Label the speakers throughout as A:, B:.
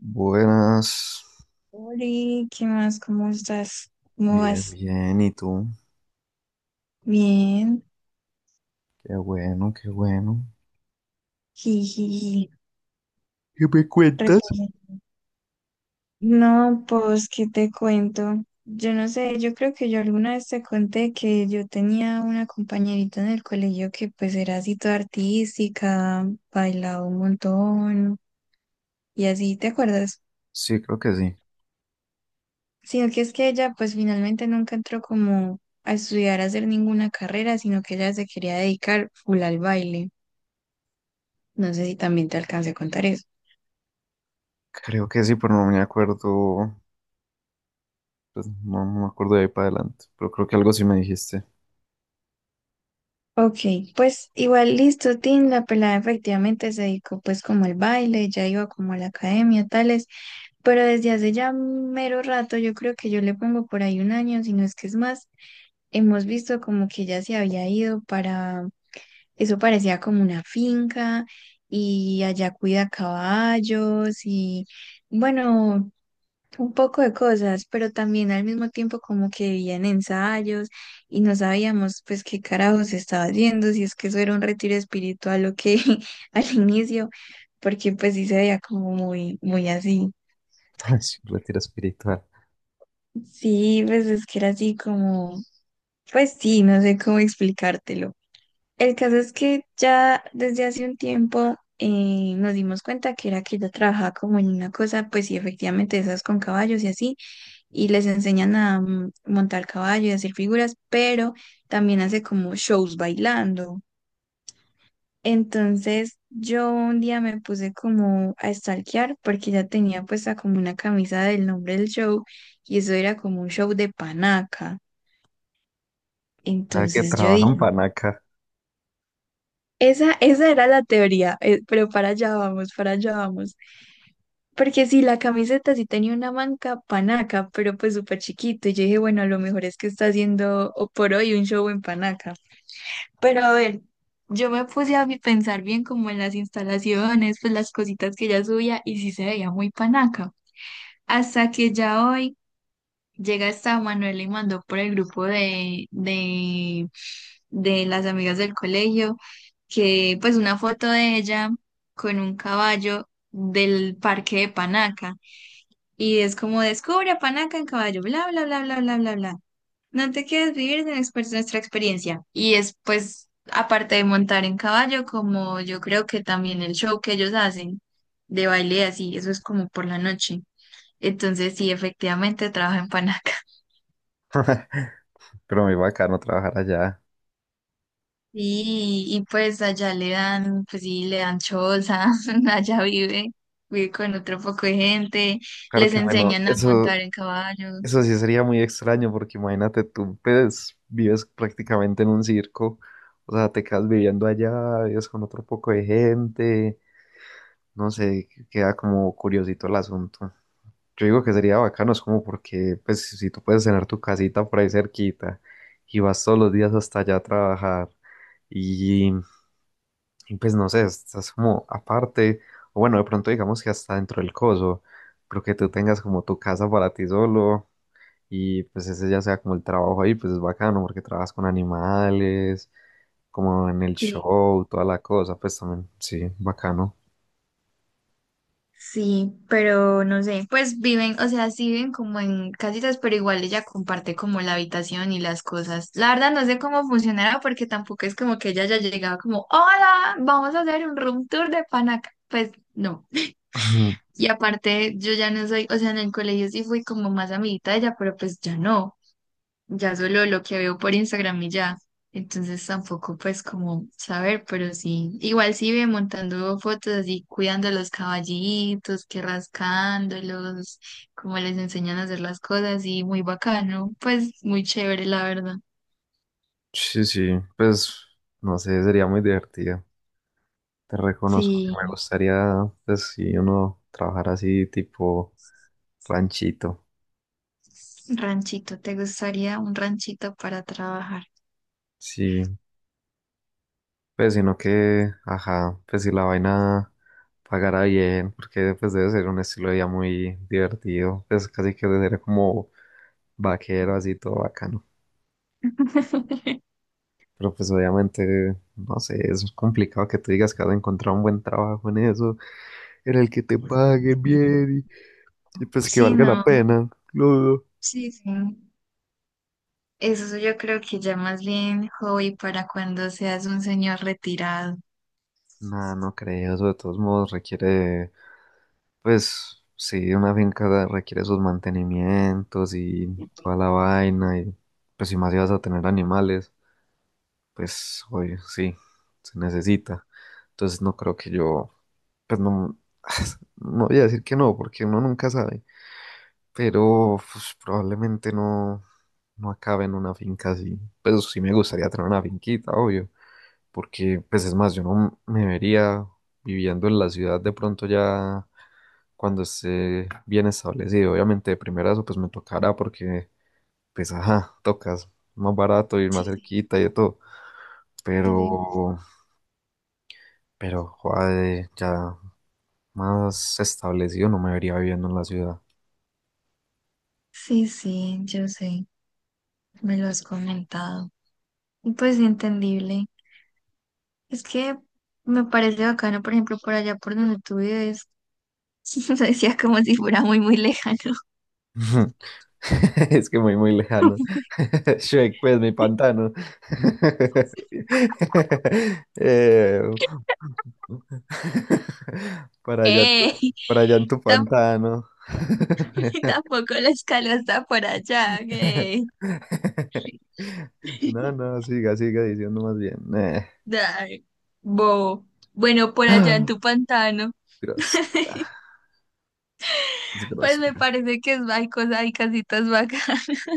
A: Buenas,
B: Oli, ¿qué más? ¿Cómo estás? ¿Cómo
A: bien,
B: vas?
A: bien, ¿y tú?
B: Bien,
A: Qué bueno, qué bueno.
B: jiji,
A: ¿Qué me cuentas?
B: reposo. No, pues, ¿qué te cuento? Yo no sé, yo creo que yo alguna vez te conté que yo tenía una compañerita en el colegio que pues era así toda artística, bailaba un montón y así, ¿te acuerdas?
A: Sí, creo que sí.
B: Sino que es que ella pues finalmente nunca entró como a estudiar, a hacer ninguna carrera, sino que ella se quería dedicar full al baile. No sé si también te alcancé a contar eso.
A: Creo que sí, pero no me acuerdo, pues no me acuerdo de ahí para adelante, pero creo que algo sí me dijiste.
B: Ok, pues igual listo, Tim, la pelada efectivamente se dedicó pues como al baile, ya iba como a la academia, tales, pero desde hace ya mero rato, yo creo que yo le pongo por ahí un año, si no es que es más, hemos visto como que ya se había ido para, eso parecía como una finca y allá cuida caballos y bueno, un poco de cosas, pero también al mismo tiempo como que vivían ensayos y no sabíamos pues qué carajos estaba haciendo, si es que eso era un retiro espiritual o qué al inicio, porque pues sí se veía como muy, muy así.
A: Ay, sí, un retiro espiritual.
B: Sí, pues es que era así como, pues sí, no sé cómo explicártelo. El caso es que ya desde hace un tiempo nos dimos cuenta que era que ella trabajaba como en una cosa, pues sí, efectivamente esas con caballos y así y les enseñan a montar caballo y hacer figuras, pero también hace como shows bailando. Entonces yo un día me puse como a stalkear porque ya tenía puesta como una camisa del nombre del show y eso era como un show de panaca.
A: O sea, que
B: Entonces yo
A: trabajan
B: dije,
A: panaca.
B: esa era la teoría, pero para allá vamos, para allá vamos. Porque sí, la camiseta sí tenía una manca panaca, pero pues súper chiquito. Y yo dije, bueno, a lo mejor es que está haciendo o por hoy un show en panaca. Pero a ver, yo me puse a mi- pensar bien como en las instalaciones, pues las cositas que ella subía y sí se veía muy panaca. Hasta que ya hoy llega esta Manuela y mandó por el grupo de las amigas del colegio que pues una foto de ella con un caballo del parque de Panaca y es como descubre a Panaca en caballo, bla, bla, bla, bla, bla, bla, bla. No te quedes vivir de exper- Nuestra experiencia. Y es pues, aparte de montar en caballo, como yo creo que también el show que ellos hacen de baile y así, eso es como por la noche. Entonces sí, efectivamente trabaja en Panaca.
A: Pero muy bacano trabajar allá.
B: Y pues allá le dan, pues sí, le dan choza, allá vive, vive con otro poco de gente,
A: Claro
B: les
A: que bueno,
B: enseñan a
A: eso,
B: montar en caballo.
A: eso sí sería muy extraño porque imagínate tú, pues vives prácticamente en un circo, o sea, te quedas viviendo allá, vives con otro poco de gente. No sé, queda como curiosito el asunto. Yo digo que sería bacano, es como porque, pues, si tú puedes tener tu casita por ahí cerquita y vas todos los días hasta allá a trabajar y, y, pues, no sé, estás como aparte, o bueno, de pronto digamos que hasta dentro del coso, pero que tú tengas como tu casa para ti solo y pues ese ya sea como el trabajo ahí, pues es bacano porque trabajas con animales, como en el
B: Sí.
A: show, toda la cosa, pues también, sí, bacano.
B: Sí, pero no sé, pues viven, o sea, sí viven como en casitas, pero igual ella comparte como la habitación y las cosas. La verdad no sé cómo funcionará porque tampoco es como que ella haya llegado como, hola, vamos a hacer un room tour de Panaca. Pues no. Y aparte yo ya no soy, o sea, en el colegio sí fui como más amiguita de ella, pero pues ya no, ya solo lo que veo por Instagram y ya. Entonces tampoco pues como saber, pero sí, igual sí ve montando fotos así, cuidando los caballitos, que rascándolos, como les enseñan a hacer las cosas y muy bacano, pues muy chévere la verdad.
A: Sí, sí, pues no sé, sería muy divertido. Te reconozco que
B: Sí,
A: me gustaría, pues si uno trabajar así tipo ranchito.
B: ranchito, ¿te gustaría un ranchito para trabajar?
A: Sí, pues sino que, ajá, pues si la vaina pagara bien, porque pues debe ser un estilo de vida muy divertido, pues casi que debe ser como vaquero así todo bacano. Pero pues obviamente, no sé, es complicado que tú digas que vas a encontrar un buen trabajo en eso, en el que te pague bien y pues que
B: Sí,
A: valga la No.
B: no,
A: pena, claro.
B: sí, sí. Eso yo creo que ya más bien hobby para cuando seas un señor retirado.
A: No, no creo, eso de todos modos requiere, pues sí, una requiere sus mantenimientos y toda la vaina, y pues si más ibas a tener animales, pues obvio, sí, se necesita. Entonces no creo que yo, pues no, no voy a decir que no, porque uno nunca sabe, pero pues, probablemente no, no acabe en una finca así. Pues sí me gustaría tener una finquita, obvio, porque pues es más, yo no me vería viviendo en la ciudad de pronto ya cuando esté bien establecido. Obviamente de primera eso pues me tocará porque pues ajá, tocas más barato y más
B: Sí,
A: cerquita y de todo,
B: sí, sí.
A: pero joder, ya más establecido no me vería viviendo en la ciudad.
B: Sí, sí, yo sé, me lo has comentado. Y pues entendible. Es que me parece bacano, por ejemplo, por allá por donde tú vives, se decía como si fuera muy, muy lejano.
A: Es que muy, muy lejano. Shrek, pues mi pantano. Eh, para allá,
B: ¡Ey!
A: para allá en tu
B: Tamp-
A: pantano.
B: tampoco la escala está por allá, ¡ey!
A: No, no, siga, siga diciendo más bien.
B: Ay, bo. Bueno, por allá en
A: Ah,
B: tu pantano,
A: grosera, es
B: pues me
A: grosera.
B: parece que es, hay cosas, hay casitas bacanas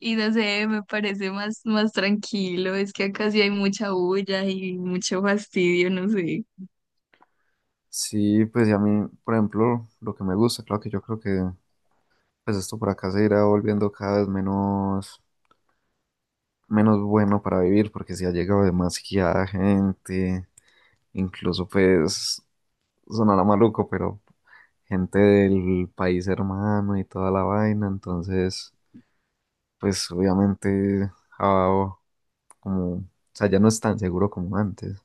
B: y no sé, me parece más, más tranquilo. Es que acá sí hay mucha bulla y mucho fastidio, no sé.
A: Sí, pues y a mí, por ejemplo, lo que me gusta, claro que yo creo que pues esto por acá se irá volviendo cada vez menos. Menos bueno para vivir porque si ha llegado demasiada gente, incluso pues sonará maluco, pero gente del país hermano y toda la vaina, entonces pues obviamente ah, como, o sea, ya no es tan seguro como antes.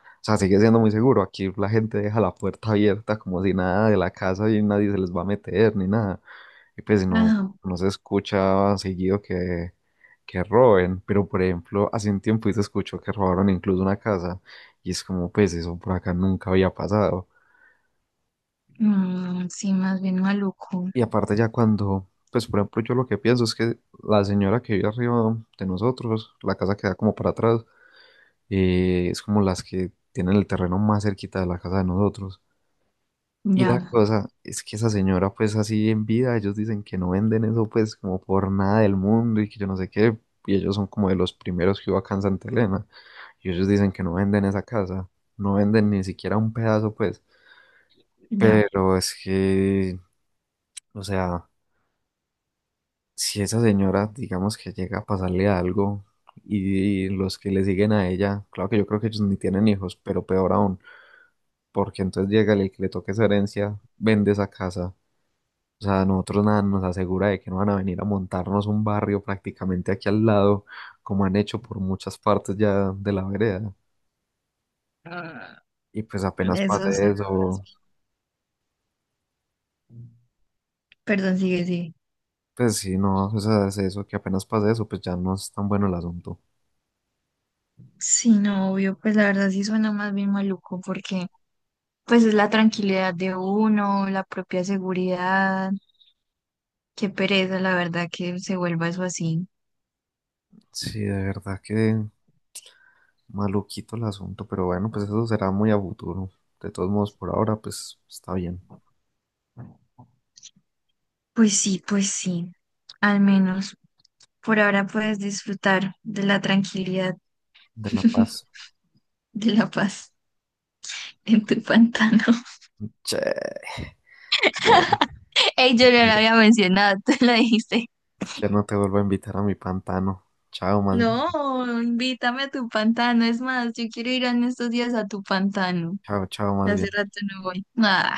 A: O sea, sigue siendo muy seguro. Aquí la gente deja la puerta abierta como si nada de la casa y nadie se les va a meter ni nada. Y pues si no,
B: Ajá.
A: no se escucha seguido que roben, pero por ejemplo, hace un tiempo se escuchó que robaron incluso una casa y es como, pues eso por acá nunca había pasado.
B: Mm, sí, más bien maluco.
A: Y aparte ya cuando, pues por ejemplo, yo lo que pienso es que la señora que vive arriba de nosotros, la casa que da como para atrás, es como las que tienen el terreno más cerquita de la casa de nosotros. Y la
B: Ya,
A: cosa es que esa señora, pues así en vida, ellos dicen que no venden eso, pues como por nada del mundo y que yo no sé qué, y ellos son como de los primeros que hubo acá en Santa Elena, y ellos dicen que no venden esa casa, no venden ni siquiera un pedazo, pues,
B: ya.
A: pero es que, o sea, si esa señora, digamos que llega a pasarle algo y, los que le siguen a ella, claro que yo creo que ellos ni tienen hijos, pero peor aún, porque entonces llega el que le toque esa herencia, vende esa casa. O sea, nosotros nada nos asegura de que no van a venir a montarnos un barrio prácticamente aquí al lado, como han hecho por muchas partes ya de la vereda. Y pues apenas pase
B: Eso suena más
A: eso,
B: bien. Perdón, sigue, sigue.
A: pues sí, no, o sea, es eso, que apenas pase eso, pues ya no es tan bueno el asunto.
B: Sí, no, obvio, pues la verdad sí suena más bien maluco porque pues es la tranquilidad de uno, la propia seguridad. Qué pereza, la verdad, que se vuelva eso así.
A: Sí, de verdad que maluquito el asunto, pero bueno, pues eso será muy a futuro. De todos modos, por ahora, pues está bien.
B: Pues sí, pues sí. Al menos por ahora puedes disfrutar de la tranquilidad,
A: De la paz.
B: de la paz en tu pantano.
A: Che,
B: Ey, yo no lo había mencionado, tú lo dijiste.
A: ya no te vuelvo a invitar a mi pantano. Chao, más bien.
B: No, invítame a tu pantano. Es más, yo quiero ir en estos días a tu pantano.
A: Chao, chao, más
B: Hace
A: bien.
B: rato no voy. Ah.